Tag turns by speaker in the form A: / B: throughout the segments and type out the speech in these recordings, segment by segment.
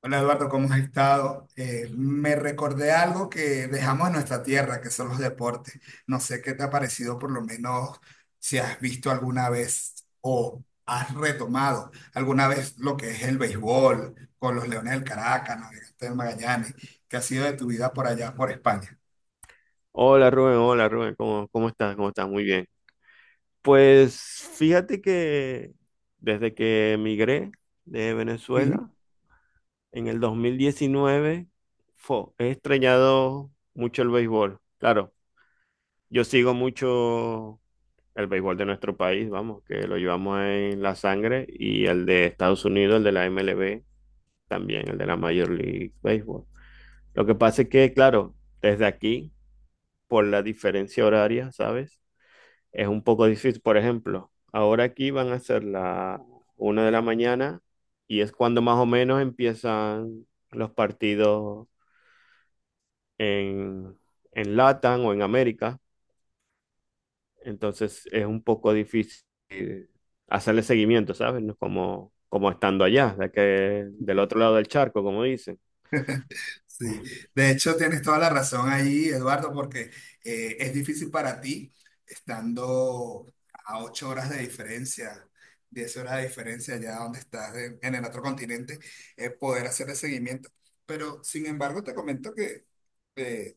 A: Hola Eduardo, ¿cómo has estado? Me recordé algo que dejamos en nuestra tierra, que son los deportes. No sé qué te ha parecido, por lo menos si has visto alguna vez o has retomado alguna vez lo que es el béisbol con los Leones del Caracas, Navegantes del Magallanes, que ha sido de tu vida por allá, por España.
B: Hola Rubén, ¿cómo estás? ¿Cómo estás? Muy bien. Pues fíjate que desde que emigré de Venezuela en el 2019 he extrañado mucho el béisbol. Claro, yo sigo mucho el béisbol de nuestro país, vamos, que lo llevamos en la sangre, y el de Estados Unidos, el de la MLB, también el de la Major League Baseball. Lo que pasa es que, claro, desde aquí, por la diferencia horaria, ¿sabes? Es un poco difícil, por ejemplo, ahora aquí van a ser la una de la mañana y es cuando más o menos empiezan los partidos en, en LATAM o en América. Entonces es un poco difícil hacerle seguimiento, ¿sabes? No es como, como estando allá, del otro lado del charco, como dicen.
A: Sí, de hecho tienes toda la razón ahí, Eduardo, porque es difícil para ti estando a 8 horas de diferencia, 10 horas de diferencia allá donde estás en el otro continente, poder hacer el seguimiento. Pero sin embargo, te comento que eh,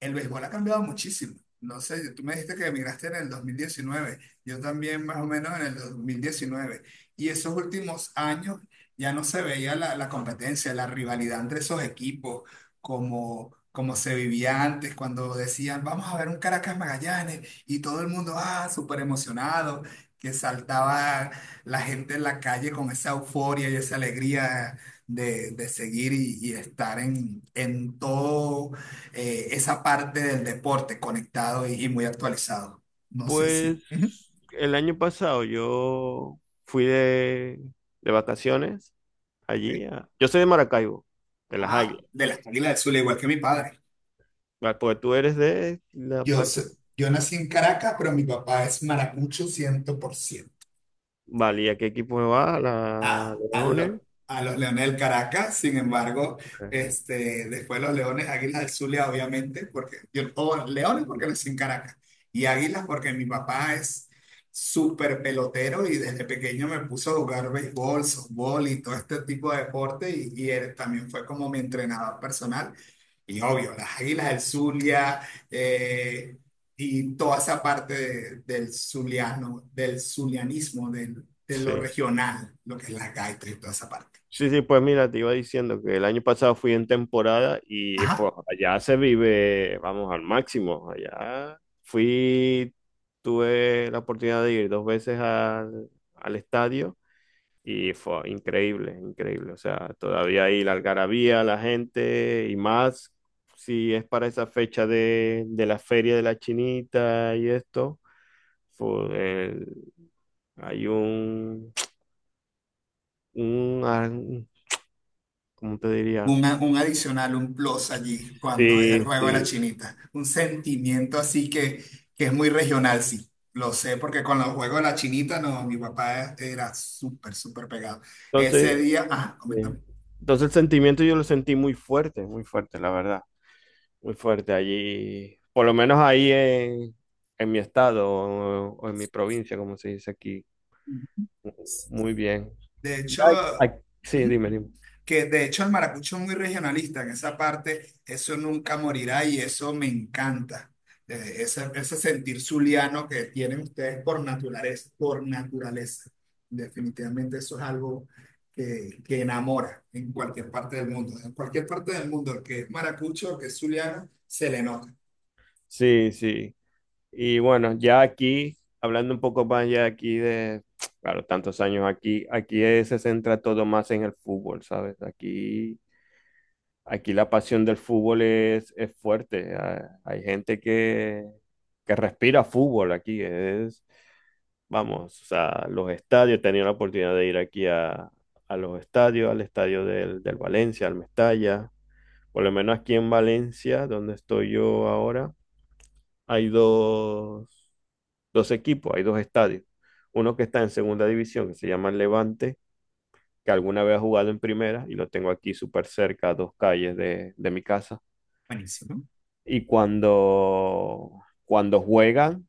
A: el béisbol ha cambiado muchísimo. No sé, tú me dijiste que emigraste en el 2019, yo también más o menos en el 2019. Y esos últimos años ya no se veía la competencia, la rivalidad entre esos equipos, como se vivía antes, cuando decían, vamos a ver un Caracas Magallanes, y todo el mundo, ah, súper emocionado, que saltaba la gente en la calle con esa euforia y esa alegría de seguir y estar en todo esa parte del deporte conectado y muy actualizado. No sé si. Ujú,
B: Pues el año pasado yo fui de vacaciones
A: ok.
B: allí. Yo soy de Maracaibo, de las
A: Ah,
B: Águilas.
A: de las Águilas del Zulia, igual que mi padre.
B: Vale, pues tú eres de la parte.
A: Yo nací en Caracas, pero mi papá es maracucho 100%
B: Vale, ¿y a qué equipo me va? ¿La Leones?
A: a los Leones del Caracas. Sin embargo,
B: Ajá,
A: este, después los Leones, Águilas del Zulia, obviamente, porque yo, o bueno, Leones porque nací en Caracas, y Águilas porque mi papá es súper pelotero y desde pequeño me puso a jugar béisbol, softball y todo este tipo de deporte y él también fue como mi entrenador personal. Y obvio, las Águilas del Zulia, eh, y toda esa parte del zuliano, del zulianismo, del de lo
B: sí.
A: regional, lo que es la gaita y toda esa parte.
B: Sí, sí, pues mira, te iba diciendo que el año pasado fui en temporada y
A: Ajá.
B: pues allá se vive, vamos, al máximo. Allá fui, tuve la oportunidad de ir dos veces al estadio. Y fue increíble, increíble. O sea, todavía ahí la algarabía, la gente y más si es para esa fecha de la feria de la Chinita y esto. fue el- Hay un, ¿cómo te diría?
A: Un adicional, un plus allí cuando es el
B: Sí,
A: juego de la
B: sí.
A: chinita. Un sentimiento así que es muy regional, sí. Lo sé porque con los juegos de la chinita, no, mi papá era súper, súper pegado. Ese
B: Entonces,
A: día, ajá, coméntame.
B: eh, entonces el sentimiento yo lo sentí muy fuerte, la verdad. Muy fuerte allí, por lo menos en mi estado o en mi provincia, como se dice aquí. Muy bien.
A: De
B: Ya
A: hecho,
B: hay- hay- sí,
A: ujú,
B: dime, dime.
A: que de hecho el maracucho es muy regionalista, en esa parte eso nunca morirá y eso me encanta. Ese sentir zuliano que tienen ustedes por naturaleza, por naturaleza. Definitivamente eso es algo que enamora en cualquier parte del mundo. En cualquier parte del mundo, el que es maracucho, el que es zuliano, se le nota.
B: Sí, sí. Y bueno, ya aquí, hablando un poco más ya aquí de, claro, tantos años aquí, se centra todo más en el fútbol, ¿sabes? Aquí, aquí la pasión del fútbol es fuerte. Ah, hay gente que respira fútbol aquí. Es, vamos, o sea, los estadios, he tenido la oportunidad de ir a los estadios, al estadio del Valencia, al Mestalla. Por lo menos aquí en Valencia, donde estoy yo ahora. hay dos, Dos equipos, hay dos estadios. Uno que está en segunda división, que se llama el Levante, que alguna vez ha jugado en primera y lo tengo aquí súper cerca, a dos calles de mi casa.
A: Buenísimo.
B: Y cuando juegan,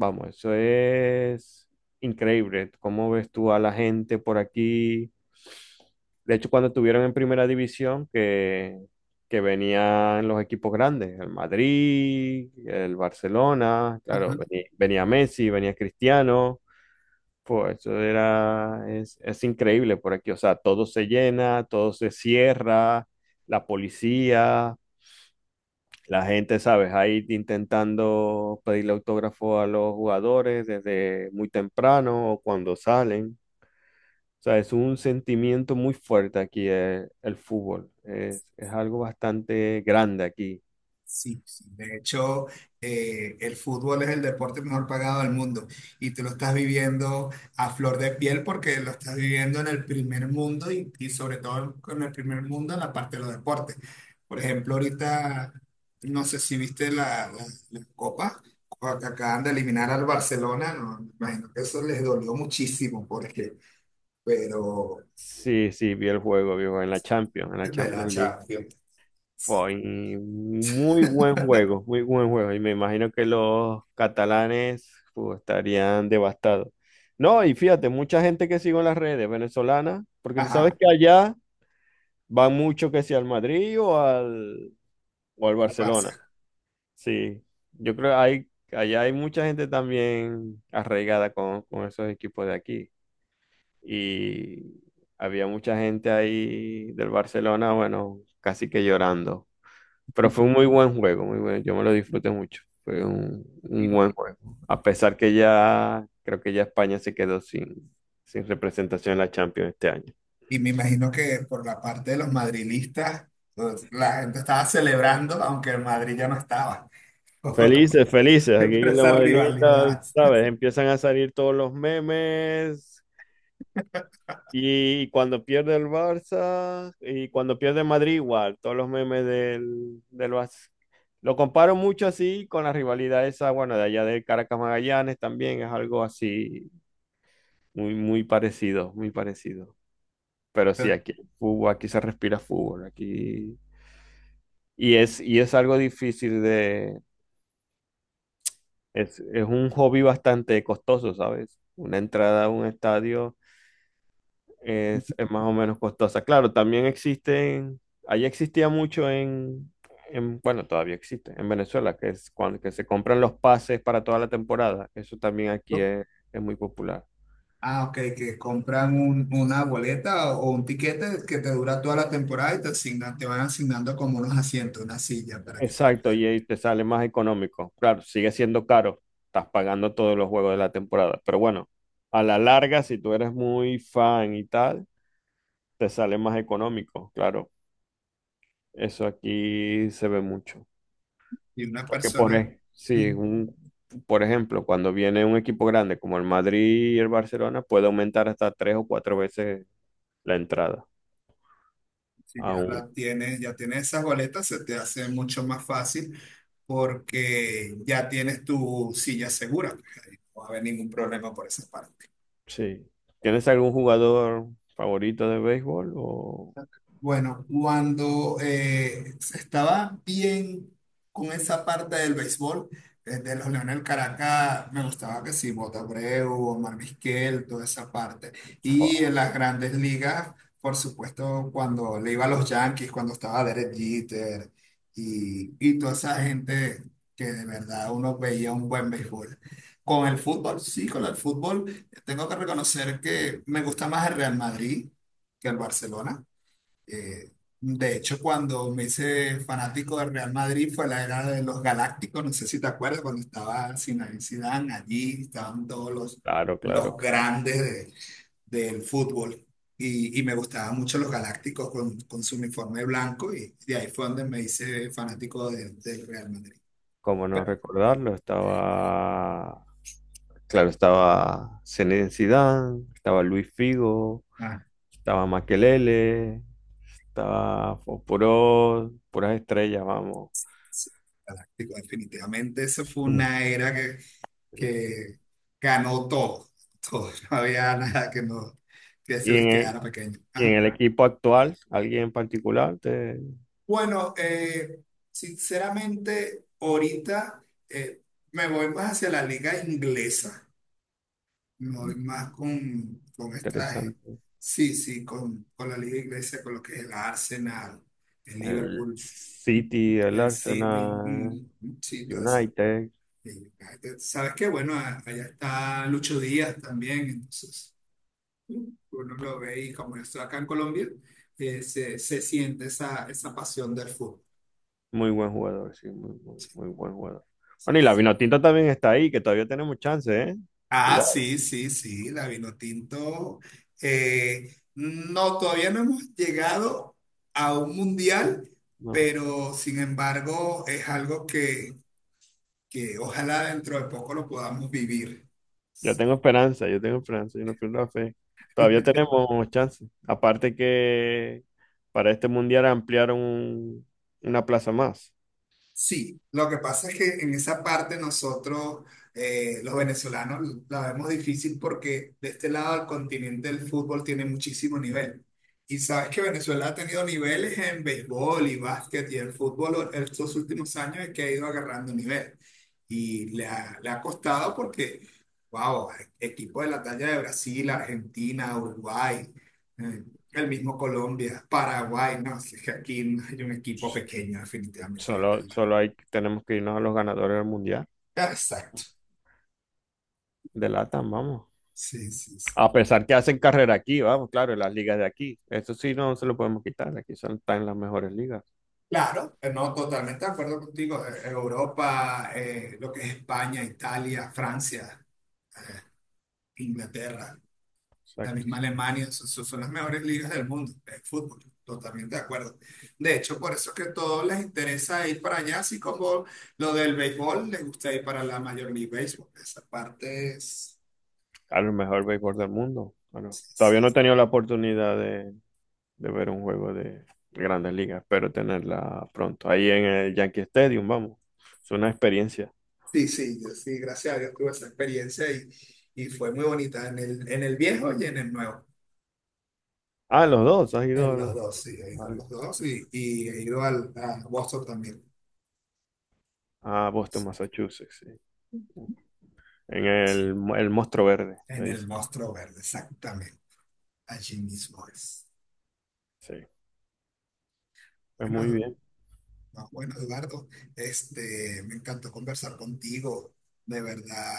B: vamos, eso es increíble. ¿Cómo ves tú a la gente por aquí? De hecho, cuando estuvieron en primera división, que venían los equipos grandes, el Madrid, el Barcelona, claro, venía Messi, venía Cristiano, pues eso es increíble por aquí, o sea, todo se llena, todo se cierra, la policía. La gente, ¿sabes? Ahí intentando pedirle autógrafo a los jugadores desde muy temprano o cuando salen. O sea, es un sentimiento muy fuerte aquí el fútbol. Es algo bastante grande aquí.
A: Sí, sí. De hecho, el fútbol es el deporte mejor pagado del mundo y tú lo estás viviendo a flor de piel porque lo estás viviendo en el primer mundo y sobre todo en el primer mundo en la parte de los deportes. Por ejemplo, ahorita, no sé si viste la Copa, cuando que acaban de eliminar al Barcelona, no, me imagino que eso les dolió muchísimo porque, pero
B: Sí, sí, vi el juego, viejo, en la
A: de la
B: Champions League.
A: Champions,
B: Fue muy buen juego, muy buen juego. Y me imagino que los catalanes pues, estarían devastados. No, y fíjate, mucha gente que sigo en las redes venezolanas, porque tú sabes
A: ajá,
B: que allá van mucho que si al Madrid o al
A: al
B: Barcelona.
A: Barça.
B: Sí, yo creo que hay, allá hay mucha gente también arraigada con esos equipos de aquí. Y había mucha gente ahí del Barcelona, bueno, casi que llorando. Pero fue un muy buen juego, muy bueno. Yo me lo disfruté mucho. Fue un buen juego. A pesar que ya, creo que ya España se quedó sin representación en la Champions este año.
A: Y me imagino que por la parte de los madrilistas, pues, la gente estaba celebrando, aunque el Madrid ya no estaba.
B: Felices, felices. Aquí
A: Pero
B: en la
A: esa
B: Madelita,
A: rivalidad.
B: ¿sabes? Empiezan a salir todos los memes. Y cuando pierde el Barça, y cuando pierde Madrid, igual, todos los memes del Barça. Lo comparo mucho así con la rivalidad esa, bueno, de allá de Caracas Magallanes también es algo así muy, muy parecido, muy parecido. Pero sí, aquí hay fútbol, aquí se respira fútbol, aquí. Y es algo difícil de. Es un hobby bastante costoso, ¿sabes? Una entrada a un estadio es más o menos costosa. Claro, también existen, allí existía mucho en, bueno, todavía existe, en Venezuela, que es cuando que se compran los pases para toda la temporada. Eso también aquí es muy popular.
A: Ah, ok, que compran una boleta o un tiquete que te dura toda la temporada y te asignan, te van asignando como unos asientos, una silla para que tú-
B: Exacto, y ahí te sale más económico. Claro, sigue siendo caro, estás pagando todos los juegos de la temporada, pero bueno, a la larga, si tú eres muy fan y tal, te sale más económico, claro. Eso aquí se ve mucho.
A: y una
B: Porque
A: persona.
B: sí, por ejemplo, cuando viene un equipo grande como el Madrid y el Barcelona, puede aumentar hasta tres o cuatro veces la entrada.
A: Si ya
B: Aún,
A: la tienes, ya tienes esas boletas, se te hace mucho más fácil porque ya tienes tu silla segura. Pues, ahí no va a haber ningún problema por esa parte.
B: sí. ¿Tienes algún jugador favorito de béisbol? O...
A: Bueno, cuando estaba bien con esa parte del béisbol, desde los Leones del Caracas, me gustaba que sí, Bota Abreu, Omar Vizquel, toda esa parte. Y en
B: Fua,
A: las grandes ligas, por supuesto, cuando le iba a los Yankees, cuando estaba Derek Jeter y toda esa gente que de verdad uno veía un buen béisbol. Con el fútbol, sí, con el fútbol, tengo que reconocer que me gusta más el Real Madrid que el Barcelona. Eh, de hecho, cuando me hice fanático del Real Madrid fue la era de los Galácticos, no sé si te acuerdas, cuando estaba Zinedine Zidane, allí estaban todos
B: claro, claro,
A: los
B: claro.
A: grandes del fútbol y me gustaban mucho los Galácticos con su uniforme blanco y de ahí fue donde me hice fanático del Real Madrid.
B: Cómo no
A: Pero,
B: recordarlo, estaba, claro, estaba Zinedine Zidane, estaba Luis Figo.
A: ah,
B: Estaba Makelele, estaba Fosforos, puras estrellas, vamos.
A: sí, Galáctico, definitivamente, eso fue
B: Yes.
A: una era que ganó todo, todo. No había nada que, no, que se
B: Y
A: les
B: en el,
A: quedara pequeño.
B: y en
A: Ajá.
B: el equipo actual, alguien en particular, te-
A: Bueno, sinceramente, ahorita me voy más hacia la liga inglesa, me voy más con esta,
B: interesante.
A: sí, sí, con la liga inglesa, con lo que es el Arsenal, el
B: El
A: Liverpool,
B: City, el
A: el City,
B: Arsenal,
A: mm, sí, lo hace.
B: United,
A: El United. Sabes que bueno, allá está Lucho Díaz también, entonces, uno lo ve y como yo estoy acá en Colombia, se, se siente esa, esa pasión del fútbol.
B: muy buen jugador, sí, muy, muy, muy buen jugador. Bueno, y la Vinotinto también está ahí, que todavía tenemos chance, ¿eh?
A: Ah,
B: Cuidado.
A: sí, sí, sí, la Vinotinto. No, todavía no hemos llegado a un mundial,
B: No.
A: pero sin embargo es algo que ojalá dentro de poco lo podamos vivir.
B: Yo tengo esperanza, yo tengo esperanza, yo no pierdo la fe. Todavía tenemos chance. Aparte que para este mundial ampliaron una plaza más.
A: Sí, lo que pasa es que en esa parte nosotros, los venezolanos, la vemos difícil porque de este lado del continente el fútbol tiene muchísimo nivel. Y sabes que Venezuela ha tenido niveles en béisbol y básquet y el fútbol en estos últimos años es que ha ido agarrando nivel. Y le ha costado porque, wow, equipos de la talla de Brasil, Argentina, Uruguay, eh, el mismo Colombia, Paraguay, no, si es que aquí no hay un equipo pequeño definitivamente.
B: Tenemos que irnos a los ganadores del mundial
A: Exacto.
B: de LATAM, vamos.
A: Sí, sí, sí.
B: A pesar que hacen carrera aquí, vamos, claro, en las ligas de aquí. Eso sí no se lo podemos quitar. Aquí son, están las mejores ligas.
A: Claro, no, totalmente de acuerdo contigo. Europa, lo que es España, Italia, Francia, eh, Inglaterra, la
B: Exacto.
A: misma Alemania, son las mejores ligas del mundo de fútbol. Totalmente de acuerdo. De hecho, por eso es que a todos les interesa ir para allá, así como lo del béisbol, les gusta ir para la Major League Baseball. Esa parte es...
B: Claro, el mejor béisbol del mundo. Bueno, todavía no he tenido la oportunidad de ver un juego de Grandes Ligas. Espero tenerla pronto. Ahí en el Yankee Stadium, vamos. Es una experiencia.
A: Sí, sí, yo sí, gracias a Dios tuve esa experiencia y fue muy bonita en el viejo y en el nuevo.
B: Ah, los dos. Has ido
A: En
B: a,
A: los
B: los-
A: dos, sí, he ido a
B: al-
A: los dos y he ido al, a Boston también,
B: A Boston, Massachusetts. Sí. El Monstruo Verde, me
A: en el
B: dice.
A: Monstruo Verde, exactamente, allí mismo es.
B: Sí, pues muy
A: Bueno,
B: bien.
A: no, bueno, Eduardo, este, me encantó conversar contigo, de verdad,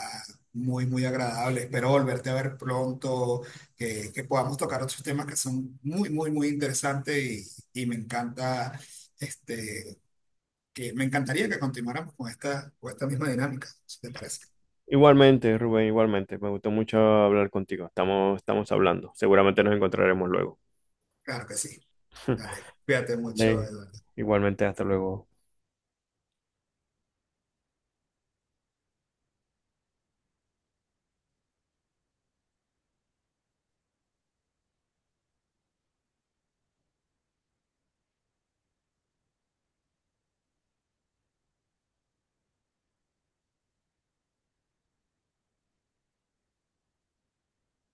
A: muy, muy agradable. Espero volverte a ver pronto, que podamos tocar otros temas que son muy, muy, muy interesantes y me encanta, este, que me encantaría que continuáramos con esta misma dinámica, si te parece.
B: Igualmente, Rubén, igualmente. Me gustó mucho hablar contigo. Estamos, estamos hablando. Seguramente nos encontraremos luego.
A: Claro que sí. Dale, cuídate mucho,
B: Vale.
A: Eduardo.
B: Igualmente, hasta luego.